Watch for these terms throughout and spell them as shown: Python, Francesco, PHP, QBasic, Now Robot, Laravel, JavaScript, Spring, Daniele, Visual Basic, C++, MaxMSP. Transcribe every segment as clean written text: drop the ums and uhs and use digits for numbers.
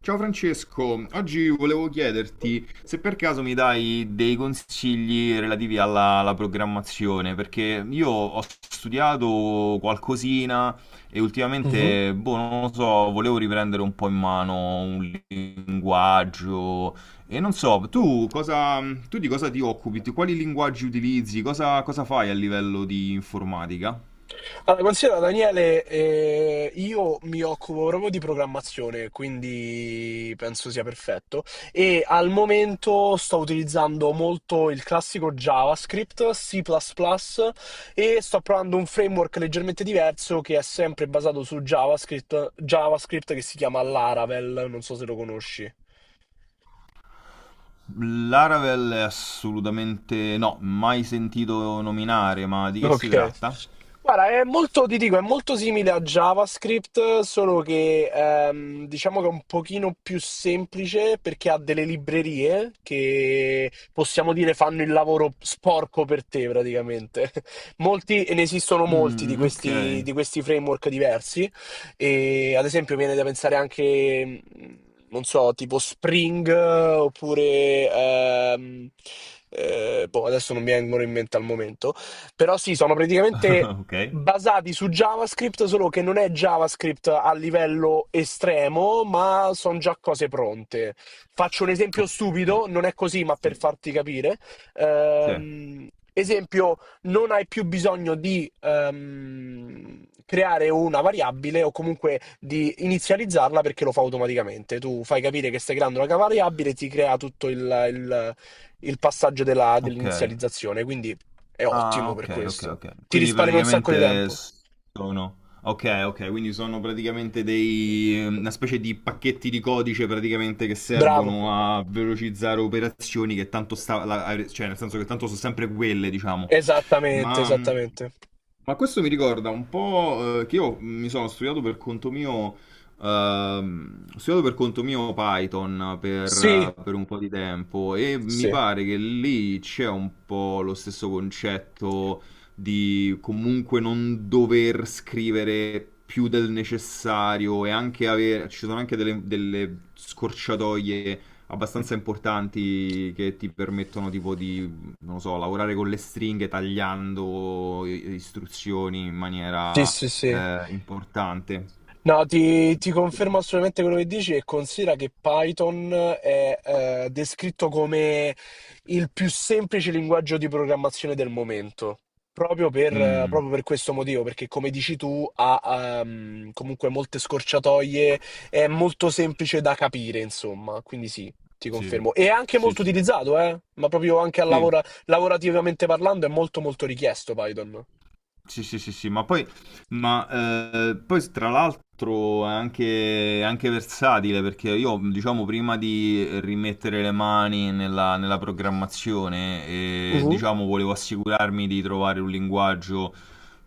Ciao Francesco, oggi volevo chiederti se per caso mi dai dei consigli relativi alla programmazione, perché io ho studiato qualcosina e Mh-mh. ultimamente, boh, non lo so, volevo riprendere un po' in mano un linguaggio e non so, tu di cosa ti occupi? Quali linguaggi utilizzi? Cosa fai a livello di informatica? Allora, considera Daniele, io mi occupo proprio di programmazione, quindi penso sia perfetto. E al momento sto utilizzando molto il classico JavaScript, C++ plus plus e sto provando un framework leggermente diverso che è sempre basato su JavaScript che si chiama Laravel, non so se lo conosci. Laravel è assolutamente no, mai sentito nominare, ma di che si Okay. tratta? Guarda, è molto, ti dico, è molto simile a JavaScript, solo che diciamo che è un pochino più semplice perché ha delle librerie che possiamo dire fanno il lavoro sporco per te praticamente. Molti, e ne esistono molti Mm, ok, di questi framework diversi. E, ad esempio, viene da pensare anche, non so, tipo Spring oppure, adesso non mi vengono in mente al momento però sì, sono praticamente ok, basati su JavaScript, solo che non è JavaScript a livello estremo, ma sono già cose pronte. Faccio un esempio ok, stupido, non è così, ma sì, per farti capire. sì, Ehm, esempio, non hai più bisogno di creare una variabile o comunque di inizializzarla perché lo fa automaticamente. Tu fai capire che stai creando una variabile e ti crea tutto il- il passaggio ok. dell'inizializzazione. Quindi è Ah, ottimo per ok, ok, questo. ok. Ti Quindi risparmia un sacco di tempo. Sono... Ok, ok, quindi sono praticamente dei... una specie di pacchetti di codice praticamente che Bravo. servono a velocizzare operazioni che tanto sta... cioè nel senso che tanto sono sempre quelle, diciamo. Esattamente, Ma... esattamente. Ma questo mi ricorda un po' che io mi sono studiato per conto mio ho studiato per conto mio Python Sì, per un po' di tempo e mi sì. pare che lì c'è un po' lo stesso concetto di comunque non dover scrivere più del necessario e anche avere, ci sono anche delle scorciatoie abbastanza importanti che ti permettono non lo so, lavorare con le stringhe tagliando istruzioni in Sì, maniera sì, sì. Importante. No, ti confermo assolutamente quello che dici e considera che Python è descritto come il più semplice linguaggio di programmazione del momento, Mm. proprio per questo motivo, perché come dici tu ha comunque molte scorciatoie, è molto semplice da capire, insomma, quindi sì, ti Sì, confermo. E è anche sì, molto sì, sì. utilizzato, ma proprio anche a Sì, lavorativamente parlando è molto molto richiesto Python. Sì, sì, sì, sì, ma poi, ma, poi tra l'altro è anche versatile perché io, diciamo, prima di rimettere le mani nella programmazione, Mhm. diciamo, volevo assicurarmi di trovare un linguaggio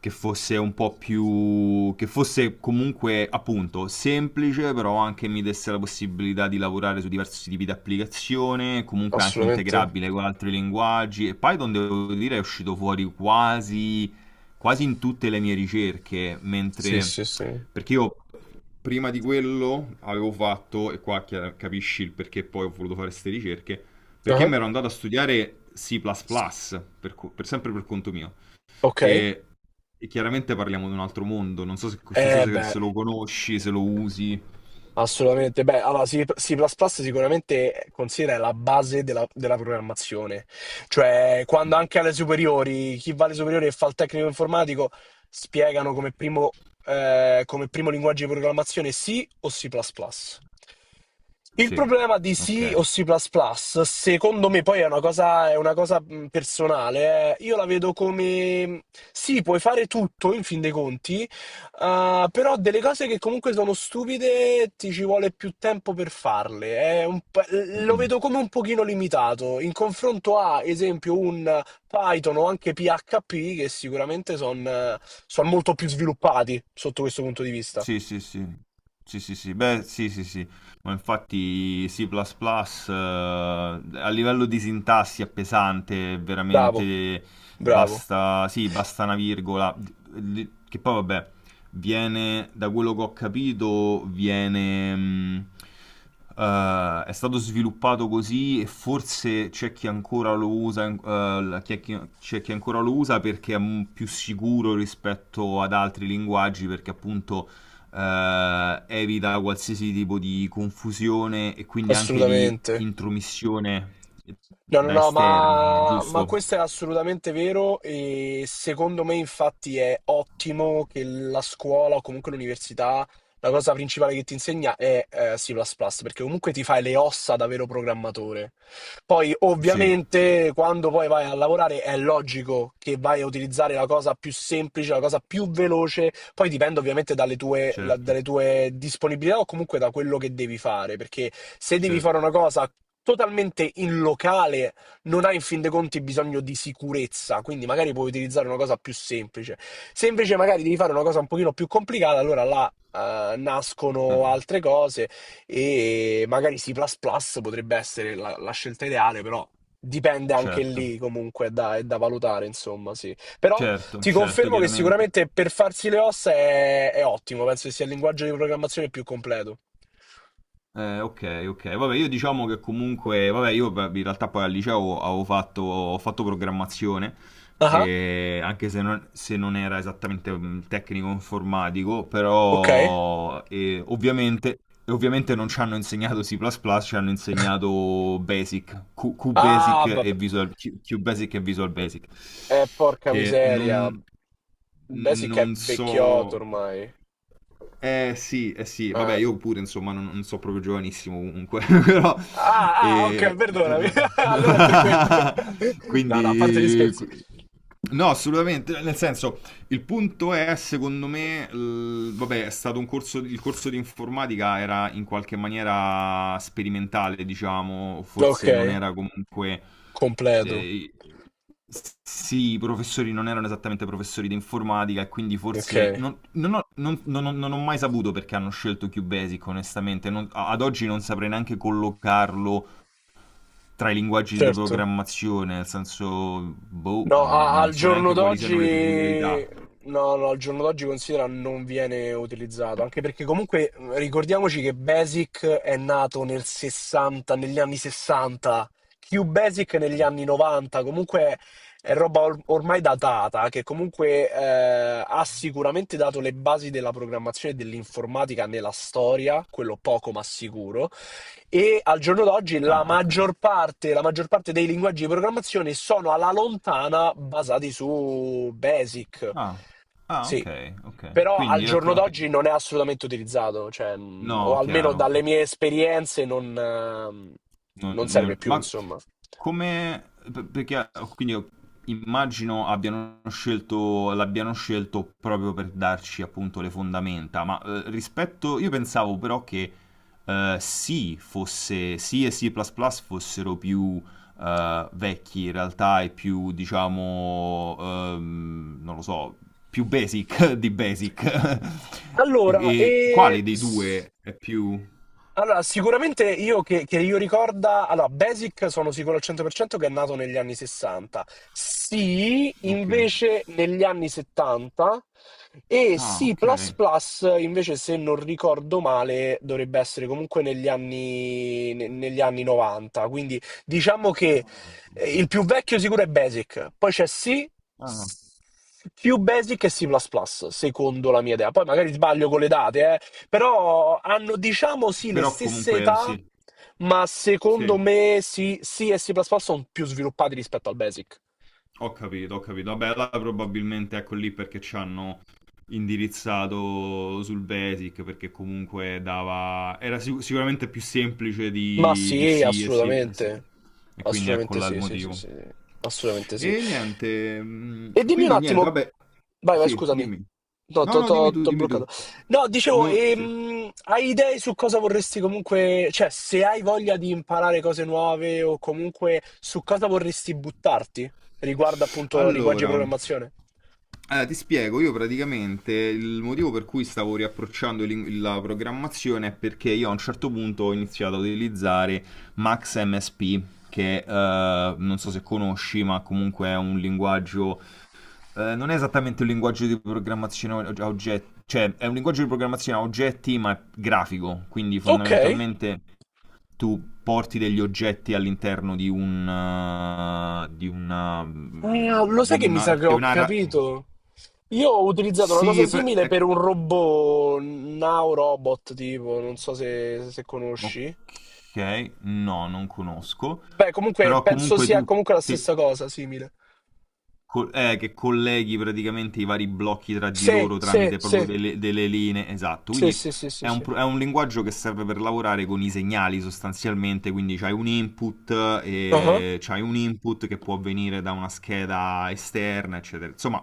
che fosse un po' più, che fosse comunque, appunto, semplice, però anche mi desse la possibilità di lavorare su diversi tipi di applicazione, comunque anche Assolutamente. integrabile con altri linguaggi. E Python, devo dire, è uscito fuori quasi in tutte le mie ricerche, Sì, mentre sì, sì. perché io prima di quello avevo fatto, e qua capisci il perché poi ho voluto fare queste ricerche, perché Ah. mi ero andato a studiare C++, per sempre per conto mio, Ok, e, e chiaramente parliamo di un altro mondo, non so eh beh, se lo conosci, se lo usi. assolutamente. Beh, allora C++ sicuramente considera la base della programmazione. Cioè, quando anche alle superiori, chi va alle superiori e fa il tecnico informatico, spiegano come primo linguaggio di programmazione C o C++. Il Sì, problema di C o ok. C++, secondo me, poi è una cosa personale, eh. Io la vedo come sì, puoi fare tutto in fin dei conti. Ah, però delle cose che comunque sono stupide ti ci vuole più tempo per farle. Mm, Lo vedo mm. come un pochino limitato in confronto a, esempio, un Python o anche PHP che sicuramente sono molto più sviluppati sotto questo punto di vista. Sì, sì, sì. Sì, sì, sì. Beh, sì, sì, sì. Ma infatti C++, a livello di sintassi è pesante, è Bravo, veramente bravo, basta, sì, basta una virgola. Che poi vabbè, da quello che ho capito, viene, è stato sviluppato così e forse c'è chi ancora lo usa, c'è chi ancora lo usa perché è più sicuro rispetto ad altri linguaggi, perché appunto evita qualsiasi tipo di confusione e quindi anche di assolutamente. intromissione No, no, da no, esterni, ma giusto? questo è assolutamente vero e secondo me infatti è ottimo che la scuola o comunque l'università, la cosa principale che ti insegna è C++, perché comunque ti fai le ossa da vero programmatore. Poi Sì, sì, ovviamente quando poi vai a lavorare è logico che vai a utilizzare la cosa più semplice, la cosa più veloce, poi dipende ovviamente dalle tue, certo, dalle tue disponibilità o comunque da quello che devi fare, perché se devi fare certo. una cosa totalmente in locale non hai in fin dei conti bisogno di sicurezza, quindi magari puoi utilizzare una cosa più semplice. Se invece magari devi fare una cosa un pochino più complicata, allora là nascono Eh, altre cose e magari C++ potrebbe essere la scelta ideale, però dipende anche certo, lì comunque, è da valutare, insomma, sì. Però certo, ti certo, confermo che chiaramente. sicuramente per farsi le ossa è ottimo, penso che sia il linguaggio di programmazione più completo. Ok, ok. Vabbè, io diciamo che comunque, vabbè, io beh, in realtà poi al liceo ho fatto programmazione, Ah, anche se non era esattamente un tecnico informatico, ok. però ovviamente, e ovviamente non ci hanno insegnato C++, ci hanno insegnato Ah, QBasic vabbè. QBasic e Visual Basic, Porca che miseria. Beh, sì che è non vecchiotto so... ormai. Sì, eh sì, vabbè, Eh. io pure insomma non so proprio giovanissimo comunque, però... Ah, ah, ok, eh, perdonami. eh, Allora è per quello. No, no, a parte gli Quindi... scherzi. No, assolutamente, nel senso, il punto è, secondo me, vabbè, è stato un corso, il corso di informatica era in qualche maniera sperimentale, diciamo, Ok, forse non era comunque... completo. eh, sì, i professori non erano esattamente professori di informatica e quindi Ok, forse... non ho mai saputo perché hanno scelto QBasic, onestamente. Ad oggi non saprei neanche collocarlo tra i linguaggi di certo. programmazione, nel senso... Boh, No, al non so giorno neanche quali siano le peculiarità. d'oggi, no, no, al giorno d'oggi considera non viene utilizzato, anche perché comunque ricordiamoci che Basic è nato nel 60, negli anni 60, QBasic negli anni 90, comunque è roba ormai datata, che comunque ha sicuramente dato le basi della programmazione e dell'informatica nella storia, quello poco ma sicuro. E al giorno d'oggi Ah, ok. La maggior parte dei linguaggi di programmazione sono alla lontana basati su Basic. Ah, ah, Sì, ok, ok. però al Quindi, ecco, giorno ok. d'oggi non è assolutamente utilizzato, cioè, No, o almeno chiaro. dalle mie esperienze non, non serve più, Ma insomma. come... Perché quindi immagino abbiano scelto, l'abbiano scelto proprio per darci appunto le fondamenta, ma rispetto... Io pensavo però che C e C++ fossero più vecchi in realtà e più, diciamo, non lo so, più basic di basic. E, Allora, e e quale dei s- due è più... Allora, sicuramente io che io ricorda, allora, Basic sono sicuro al 100% che è nato negli anni 60. Sì, Ok. invece negli anni 70 e Ah, C++ ok. invece se non ricordo male dovrebbe essere comunque negli anni, negli anni 90. Quindi diciamo che Ah, il ok. più vecchio sicuro è Basic, poi c'è C, Ah, più Basic e C++, secondo la mia idea. Poi magari sbaglio con le date, eh. Però hanno, diciamo, sì, le però stesse comunque età, sì, ma secondo sì, me sì, sì e C++ sono più sviluppati rispetto al Basic. ho capito, ho capito. Vabbè, là probabilmente ecco lì perché ci hanno indirizzato sul Basic perché comunque dava... era sicuramente più semplice Ma di sì, sì e sì. E sì. assolutamente. E quindi ecco Assolutamente là il sì, sì, sì, motivo. sì. Sì. Assolutamente sì. E niente, mm, E dimmi un quindi niente, attimo... vabbè, Vai, vai, sì, scusami. dimmi. No, No, no, dimmi tu, t'ho dimmi bloccato. tu. No, dicevo, No, sì. Hai idee su cosa vorresti comunque... Cioè, se hai voglia di imparare cose nuove o comunque su cosa vorresti buttarti riguardo appunto linguaggi di Allora, programmazione? allora, ti spiego, io praticamente il motivo per cui stavo riapprocciando la programmazione è perché io a un certo punto ho iniziato a utilizzare MaxMSP, che non so se conosci, ma comunque è un linguaggio, non è esattamente un linguaggio di programmazione a oggetti, cioè è un linguaggio di programmazione a oggetti, ma è grafico, quindi Ok. fondamentalmente tu porti degli oggetti all'interno di un Ah, lo sai che mi sa che di ho un'area capito? Io ho utilizzato una sì cosa è pre- simile è- per un robot, Now Robot, tipo, non so se, se conosci. ok no non conosco Beh, comunque però penso comunque sia tu comunque la che stessa cosa, simile. Che colleghi praticamente i vari blocchi tra di Sì, loro sì, tramite proprio sì, delle linee, esatto. sì, Quindi sì, sì, sì, è un, sì. È un linguaggio che serve per lavorare con i segnali sostanzialmente, quindi c'hai un input, Ah. e c'hai un input che può venire da una scheda esterna, eccetera. Insomma,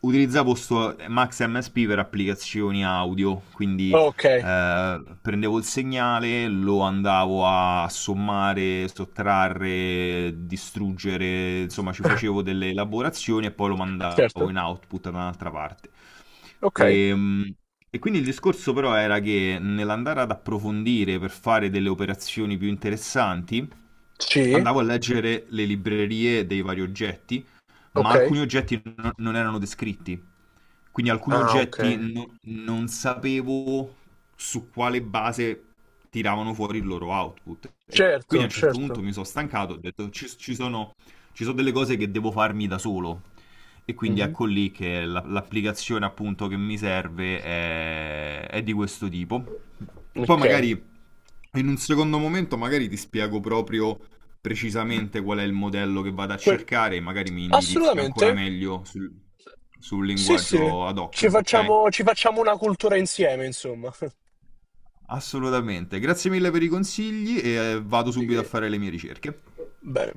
utilizzavo sto Max MSP per applicazioni audio, quindi Ok, prendevo il segnale, lo andavo a sommare, sottrarre, distruggere, insomma ci facevo delle elaborazioni e poi lo mandavo certo. in output da un'altra parte. Ok. E, mm, e quindi il discorso però era che nell'andare ad approfondire per fare delle operazioni più interessanti, Sì, andavo a leggere le librerie dei vari oggetti, ma ok. alcuni oggetti non erano descritti. Quindi alcuni Ah, ok. oggetti non sapevo su quale base tiravano fuori il loro output. E quindi Certo, a un certo punto certo. mi sono stancato, ho detto ci sono delle cose che devo farmi da solo. E quindi Mhm. ecco lì che l'applicazione appunto che mi serve è di questo tipo. Poi Ok. magari in un secondo momento magari ti spiego proprio precisamente qual è il modello che vado a Quel- cercare, magari mi indirizzi ancora Assolutamente. meglio sul, sul Sì, sì. linguaggio ad hoc, ok? Ci facciamo una cultura insieme, insomma. Assolutamente. Grazie mille per i consigli e vado Di subito a che- fare le mie ricerche. Bene.